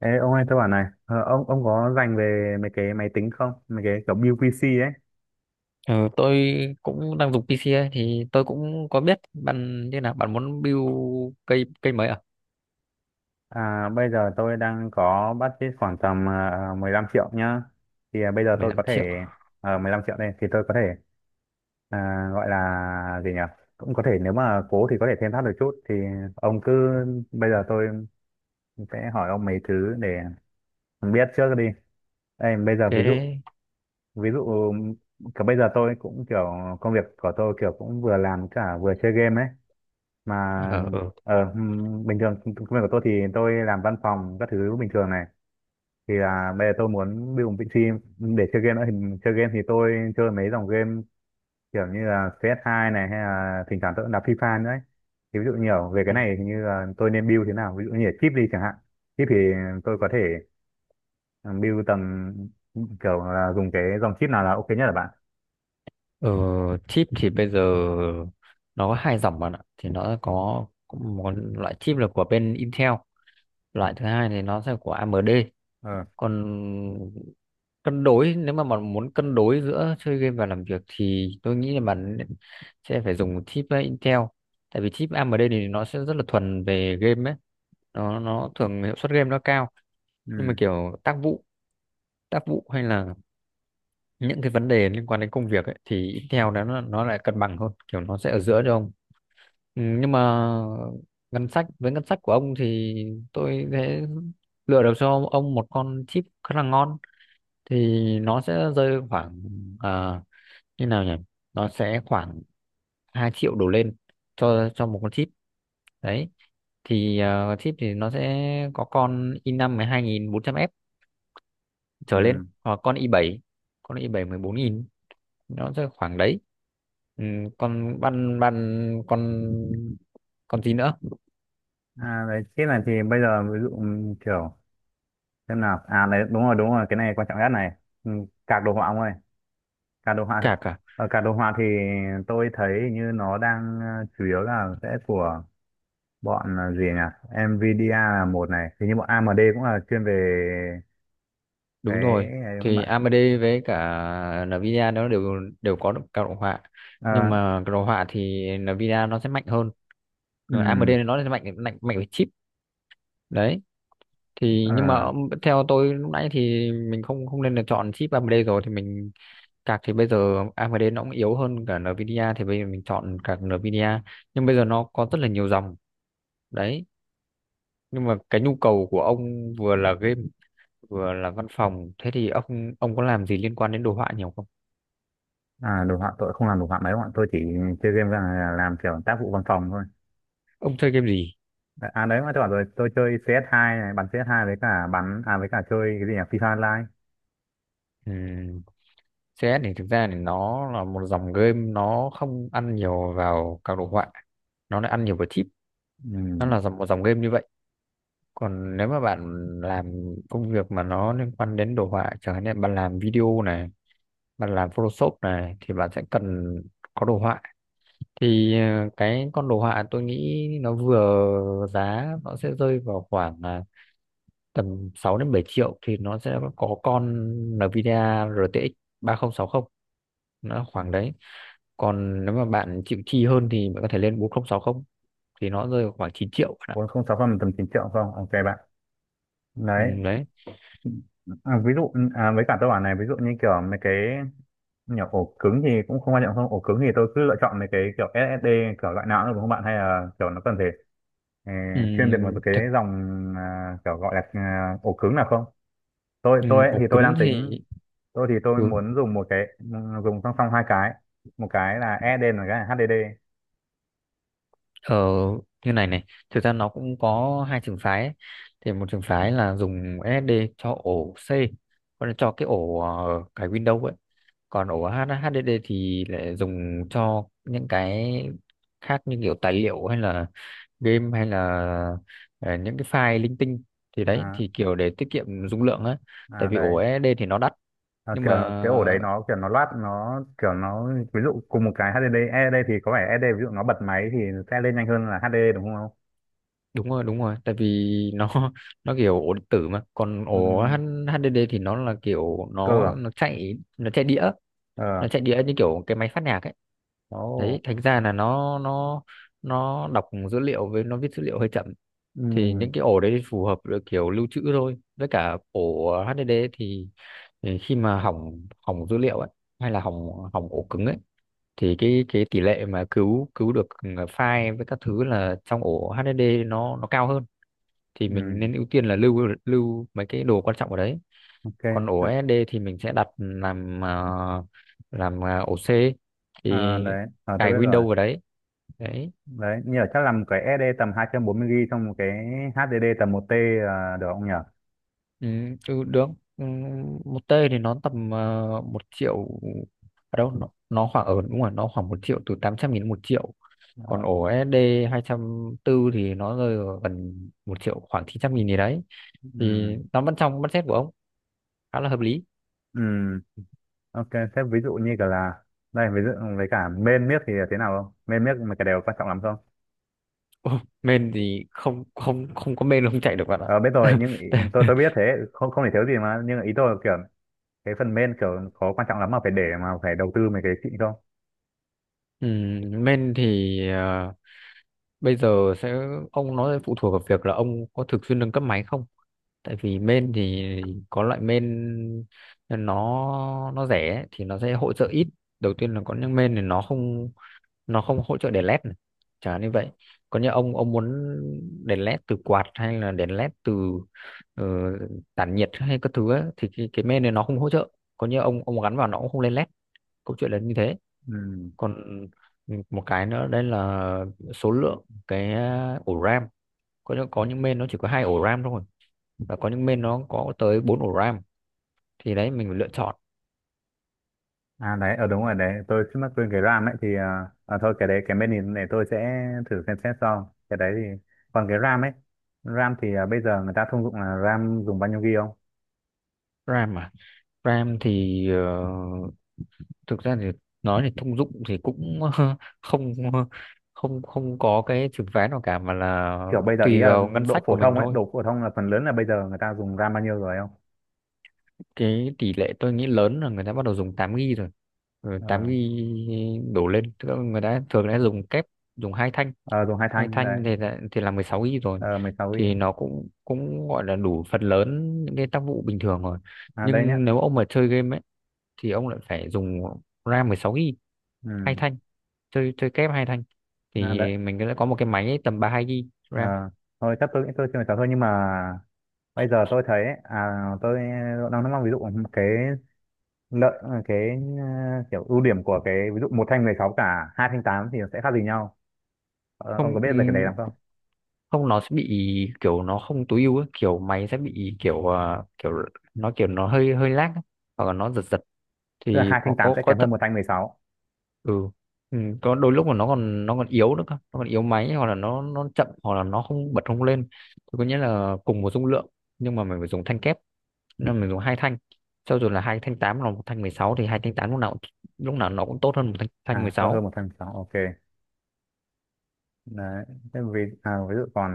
Ê, ông ơi tôi bảo này, ông có dành về mấy cái máy tính không, mấy cái kiểu build PC ấy? Ừ, tôi cũng đang dùng PC ấy, thì tôi cũng có biết bạn như nào bạn muốn build cây cây mấy à? À, bây giờ tôi đang có budget khoảng tầm ờ, mười 15 triệu nhá. Thì bây giờ tôi 15 có triệu thể, 15 triệu đây thì tôi có thể, à, gọi là gì nhỉ, cũng có thể nếu mà cố thì có thể thêm thắt được chút thì ông cứ... Bây giờ tôi sẽ hỏi ông mấy thứ để biết trước đi. Đây bây giờ ví dụ, cái ví dụ cả bây giờ tôi cũng kiểu công việc của tôi kiểu cũng vừa làm cả vừa chơi game ấy mà. ờ ừ. Bình thường công công việc của tôi thì tôi làm văn phòng các thứ bình thường này, thì là bây giờ tôi muốn build một PC để chơi game nữa. Thì chơi game thì tôi chơi mấy dòng game kiểu như là CS2 này, hay là thỉnh thoảng tôi cũng đá FIFA nữa ấy. Thì ví dụ nhiều về cái này thì như là tôi nên build thế nào, ví dụ như là chip đi chẳng hạn. Chip thì tôi có thể, ừ, build tầm, kiểu là dùng cái dòng chip nào là ok nhất là bạn? ừ. Chip thì bây giờ nó có hai dòng bạn ạ, thì nó có một loại chip là của bên Intel, loại thứ hai thì nó sẽ của AMD. Ờ. Còn cân đối, nếu mà bạn muốn cân đối giữa chơi game và làm việc thì tôi nghĩ là bạn sẽ phải dùng chip Intel, tại vì chip AMD thì nó sẽ rất là thuần về game ấy, nó thường hiệu suất game nó cao. Nhưng mà Ừ. kiểu tác vụ hay là những cái vấn đề liên quan đến công việc ấy, thì Intel đó nó lại cân bằng hơn, kiểu nó sẽ ở giữa cho ông. Ừ, nhưng mà ngân sách của ông thì tôi sẽ lựa được cho ông một con chip khá là ngon. Thì nó sẽ rơi khoảng ờ, như nào nhỉ, nó sẽ khoảng 2 triệu đổ lên cho một con chip. Đấy thì chip thì nó sẽ có con i năm mười hai nghìn bốn trăm f trở lên, Ừ. hoặc con i bảy, con i bảy mười bốn nghìn, nó sẽ khoảng đấy. ừ, con ban ban con gì nữa. À, đấy chip này thì bây giờ ví dụ, kiểu xem nào, à đấy, đúng rồi đúng rồi, cái này quan trọng nhất này. ừ, Card đồ họa ông ơi, card đồ họa. Cả cả Ở card đồ họa thì tôi thấy như nó đang, chủ yếu là sẽ của bọn, gì nhỉ, Nvidia là một này, thì như bọn AMD cũng là chuyên về cái đúng rồi, này đúng không thì bạn? AMD với cả Nvidia nó đều đều có được các đồ họa, nhưng Ờ. mà cái đồ họa thì Nvidia nó sẽ mạnh hơn. Rồi ừm, AMD nó là mạnh mạnh mạnh về chip. Đấy thì, ờ, nhưng mà theo tôi lúc nãy thì mình không không nên là chọn chip AMD rồi, thì mình card thì bây giờ AMD nó cũng yếu hơn cả Nvidia, thì bây giờ mình chọn card Nvidia. Nhưng bây giờ nó có rất là nhiều dòng. Đấy, nhưng mà cái nhu cầu của ông vừa là game vừa là văn phòng, thế thì ông có làm gì liên quan đến đồ họa nhiều không? À, đồ họa tôi không làm đồ họa mấy, bọn tôi chỉ chơi game là làm kiểu tác vụ văn phòng thôi. Ông chơi game gì? À đấy mà tôi bảo rồi, tôi chơi CS2 này, bắn CS2, với cả bắn à, với cả chơi cái gì nhỉ, FIFA Online. Ừm, CS thì thực ra thì nó là một dòng game, nó không ăn nhiều vào các đồ họa, nó lại ăn nhiều vào chip. Một dòng game như vậy. Còn nếu mà bạn làm công việc mà nó liên quan đến đồ họa, chẳng hạn như bạn làm video này, bạn làm Photoshop này, thì bạn sẽ cần có đồ họa. Thì cái con đồ họa tôi nghĩ nó vừa giá, nó sẽ rơi vào khoảng tầm 6 đến 7 triệu, thì nó sẽ có con Nvidia RTX 3060, nó Ừ. khoảng đấy. Còn nếu mà bạn chịu chi hơn thì bạn có thể lên 4060, thì nó rơi vào khoảng 9 triệu bạn ạ. Bốn không sáu phần tầm 9 triệu không? Ok bạn. Ừ, Đấy. đấy. À, ví dụ, à, với cả tôi bảo này, ví dụ như kiểu mấy cái nhỏ, ổ cứng thì cũng không quan trọng không? Ổ cứng thì tôi cứ lựa chọn mấy cái kiểu SSD kiểu loại nào cũng được đúng không bạn? Hay là kiểu nó cần phải, ờ, Ừ, chuyên biệt một cái thực dòng, à, kiểu gọi là à, ổ cứng nào không? Tôi Ừ, tôi ấy, ổ thì tôi đang cứng tính, thì, tôi thì tôi ừ, muốn dùng một cái, dùng song song hai cái, một cái là SSD và một cái là HDD. ở như này này, thực ra nó cũng có hai trường phái ấy. Thì một trường phái là dùng SSD cho ổ C, còn cho cái ổ cái Windows ấy, còn ổ HDD thì lại dùng cho những cái khác, như kiểu tài liệu hay là game hay là ờ, những cái file linh tinh. Thì đấy À. thì kiểu để tiết kiệm dung lượng á, À tại vì ổ đấy. SSD thì nó đắt. À, Nhưng kiểu mà cái ổ đấy nó kiểu nó loát nó kiểu nó, ví dụ cùng một cái HDD SSD thì có vẻ E SSD ví dụ nó bật máy thì sẽ lên nhanh hơn là HDD đúng không? đúng rồi, đúng rồi, tại vì nó kiểu ổ điện tử. Mà còn Ừ, ổ HDD thì nó là kiểu, cơ à? nó chạy đĩa, nó Ờ. chạy đĩa như kiểu cái máy phát nhạc ấy. Ồ. Đấy, thành ra là nó nó đọc dữ liệu với nó viết dữ liệu hơi chậm. Thì Ừ. những cái ổ đấy thì phù hợp với kiểu lưu trữ thôi. Với cả ổ HDD thì khi mà hỏng hỏng dữ liệu ấy, hay là hỏng hỏng ổ cứng ấy, thì cái tỷ lệ mà cứu cứu được file với các thứ là trong ổ HDD nó cao hơn. Thì Ừ. mình nên ưu tiên là lưu lưu mấy cái đồ quan trọng ở đấy. Ok. Còn ổ À. SSD thì mình sẽ đặt làm làm ổ C, thì À, đấy. Ờ tôi cài biết rồi. Windows vào đấy. Đấy. Đấy, nhờ chắc làm cái E SSD tầm 240 GB trong một cái HDD tầm một t, à, được không nhỉ? Ừ, ừ, được. Ừ, một T thì nó tầm một triệu, ở đâu nó khoảng, ở đúng rồi, nó khoảng một triệu, từ 800 nghìn đến một triệu. Còn Ờ. ổ SD tư thì nó rơi vào gần một triệu, khoảng 900 nghìn gì đấy. Thì Ừ. nó vẫn trong budget của ông, khá là hợp lý. Ừ. Ok, thế ví dụ như cả là, đây ví dụ, với cả main miếc thì thế nào không? Main miếc mà cái đều quan trọng lắm không? Ồ, men thì không không không có men là không chạy được bạn Ờ, biết rồi nhưng ý, ạ. tôi tôi biết thế, không không thể thiếu gì mà, nhưng ý tôi là kiểu cái phần main kiểu có quan trọng lắm mà phải để mà phải đầu tư mấy cái xịn không? Men thì bây giờ sẽ, ông nói phụ thuộc vào việc là ông có thường xuyên nâng cấp máy không. Tại vì men thì có loại men nó nó rẻ ấy, thì nó sẽ hỗ trợ ít. Đầu tiên là có những men thì nó không hỗ trợ đèn led này, chẳng hạn như vậy. Còn như ông muốn đèn led từ quạt, hay là đèn led từ ờ, tản nhiệt hay các thứ ấy, thì cái main này nó không hỗ trợ. Còn như ông gắn vào nó cũng không lên led, câu chuyện là như thế. Ừ. Còn một cái nữa đây là số lượng cái ổ RAM. Có những, có những main nó chỉ có hai ổ RAM thôi, và có những main nó có tới bốn ổ RAM, thì đấy mình phải lựa chọn. À đấy, ở đúng rồi đấy, tôi trước mắt quên cái RAM ấy, thì à, à, thôi cái đấy cái main này để tôi sẽ thử xem xét sau cái đấy thì. Còn cái RAM ấy, RAM thì à, bây giờ người ta thông dụng là RAM dùng bao nhiêu GB không? RAM mà RAM thì thực ra thì nói thì thông dụng thì cũng không không không có cái trường phái nào cả, mà là Kiểu bây giờ ý tùy là vào ngân độ sách phổ của thông mình ấy, thôi. độ phổ thông là phần lớn là bây giờ người ta dùng RAM bao nhiêu rồi không? Cái tỷ lệ tôi nghĩ lớn là người ta bắt đầu dùng 8 ghi rồi, rồi tám Ờ. ghi đổ lên. Tức là người ta thường đã dùng kép, dùng hai thanh. ờ, Dùng hai Hai thanh đấy. thanh thì là 16 ghi rồi, 16 thì GB nó cũng cũng gọi là đủ phần lớn những cái tác vụ bình thường rồi. À đây nhá. Nhưng nếu ông mà chơi game ấy, thì ông lại phải dùng RAM 16 GB hai Ừ. thanh, chơi chơi kép hai thanh, À, thì đấy. mình sẽ có một cái máy tầm 32 GB RAM. À, thôi chắc tôi nghĩ tôi chưa nói thôi, nhưng mà bây giờ tôi thấy à, tôi đang nói ví dụ cái lợi, cái, kiểu ưu điểm của cái ví dụ một thanh 16 cả hai thanh 8 thì nó sẽ khác gì nhau? Ờ, ông Không, có biết về cái đấy lắm không? không, nó sẽ bị kiểu nó không tối ưu ấy, kiểu máy sẽ bị kiểu kiểu nó hơi hơi lag ấy, hoặc là nó giật giật. Tức là Thì hai có thanh 8 có sẽ có kém thật. hơn một thanh mười sáu, Ừ. Ừ, có đôi lúc mà nó còn yếu nữa cơ, nó còn yếu máy, hoặc là nó chậm, hoặc là nó không bật không lên. Thì có nghĩa là cùng một dung lượng, nhưng mà mình phải dùng thanh kép, nên mình dùng hai thanh. Cho dù là hai thanh 8 là một thanh mười sáu, thì hai thanh 8 lúc nào cũng- lúc nào nó cũng tốt hơn một thanh thanh mười à to hơn sáu. một thanh 16, ok. Đấy. Thế vì à, ví dụ còn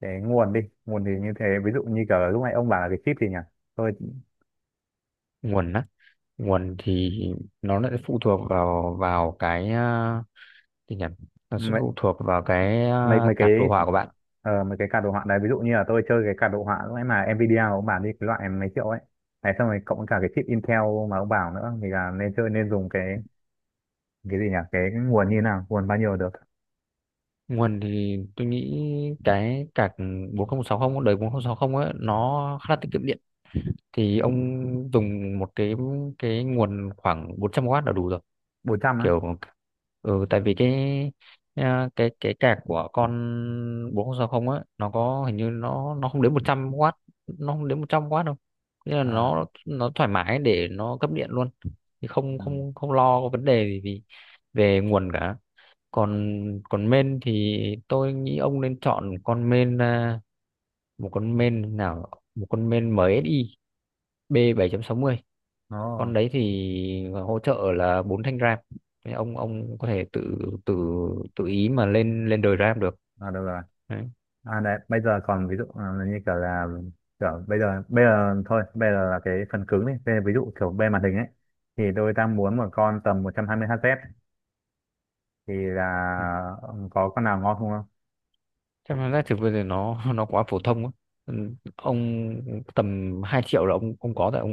cái nguồn đi, nguồn thì như thế, ví dụ như cả lúc nãy ông bảo là cái chip thì nhỉ, tôi, Nguồn á, nguồn thì nó lại phụ thuộc vào vào cái gì nhỉ, nó sẽ phụ thuộc vào cái mấy mấy card đồ cái, họa của bạn. Mấy cái card đồ họa đấy, ví dụ như là tôi chơi cái card đồ họa lúc nãy mà Nvidia ông bảo đi, cái loại mấy triệu ấy này, xong rồi cộng cả cái chip Intel mà ông bảo nữa, thì là nên chơi nên dùng cái gì nhỉ, cái nguồn như thế nào, nguồn bao nhiêu được? Nguồn thì tôi nghĩ cái card bốn không sáu cũng đời 4060 ấy, nó khá là tiết kiệm điện, thì ông dùng một cái nguồn khoảng bốn trăm w là đủ rồi. 400 á? Kiểu ừ, tại vì cái cái cạc của con 4060 á, nó có hình như nó không đến một trăm w, nó không đến một trăm w đâu. Nên là À. nó thoải mái để nó cấp điện luôn. Thì không Ừ. không không lo có vấn đề gì vì về nguồn cả. Còn còn main thì tôi nghĩ ông nên chọn con main một con main nào, một con main MSI B bảy chấm sáu mươi. Con Nó. đấy thì hỗ trợ là bốn thanh RAM. Thế ông có thể tự, tự tự ý mà lên lên đời RAM được. À được rồi. Đấy. À đấy bây giờ còn ví dụ, như kiểu là kiểu bây giờ, bây giờ thôi bây giờ là cái phần cứng đi. Bây giờ ví dụ kiểu bên màn hình ấy, thì tôi đang muốn một con tầm 120 Hz, thì là, có con nào ngon không không? Chắc là giá thực bây giờ nó nó quá phổ thông á. Ừ, ông tầm 2 triệu là ông có rồi ông,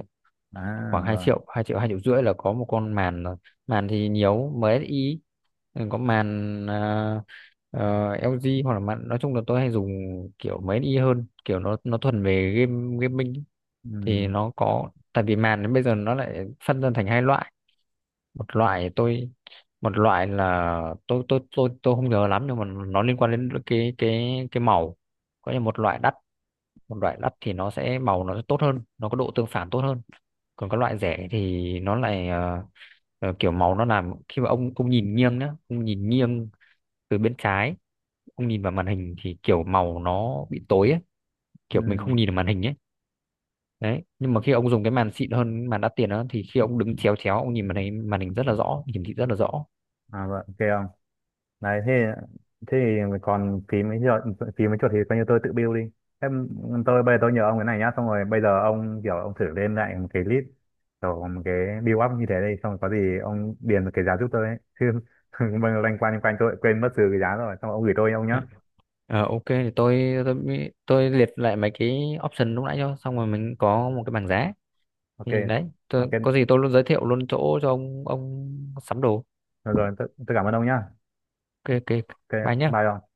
À khoảng hai rồi. triệu, hai triệu rưỡi là có một con màn rồi. Màn thì nhiều MSI. Ừ, có màn LG, hoặc là màn, nói chung là tôi hay dùng kiểu MSI hơn, kiểu nó thuần về game gaming. Thì Ừ. nó có, tại vì màn đến bây giờ nó lại phân ra thành hai loại. một loại tôi Một loại là tôi không nhớ lắm, nhưng mà nó liên quan đến cái màu. Có như một loại đắt, một loại đắt thì nó sẽ màu nó sẽ tốt hơn, nó có độ tương phản tốt hơn. Còn các loại rẻ thì nó lại kiểu màu nó làm, khi mà ông nhìn nghiêng nhá, ông nhìn nghiêng từ bên trái, ông nhìn vào màn hình thì kiểu màu nó bị tối ấy, kiểu mình Ừ. không nhìn được màn hình ấy. Đấy, nhưng mà khi ông dùng cái màn xịn hơn, cái màn đắt tiền đó, thì khi ông đứng chéo chéo ông nhìn màn hình, màn hình rất là rõ, hiển thị rất là rõ. À vậy ok không. Đấy. Thế, thế thì còn phí mấy chuột, phí mấy chuột thì coi như tôi tự bill đi em. Tôi bây giờ tôi nhờ ông cái này nhá, xong rồi bây giờ ông kiểu ông thử lên lại một cái list, kiểu một cái bill up như thế đây, xong rồi có gì ông điền một cái giá giúp tôi ấy chứ mình loanh quanh tôi lại quên mất trừ cái giá rồi, xong rồi ông gửi tôi ông nhá. Dạ. Ờ, ok thì tôi liệt lại mấy cái option lúc nãy cho, xong rồi mình có một cái bảng giá. Ok Thì đấy tôi, ok. có gì tôi luôn giới thiệu luôn chỗ cho ông sắm đồ. Rồi, rồi tôi cảm ơn ông nhá. Ok, ok, Ok, bye nhá. bye ông.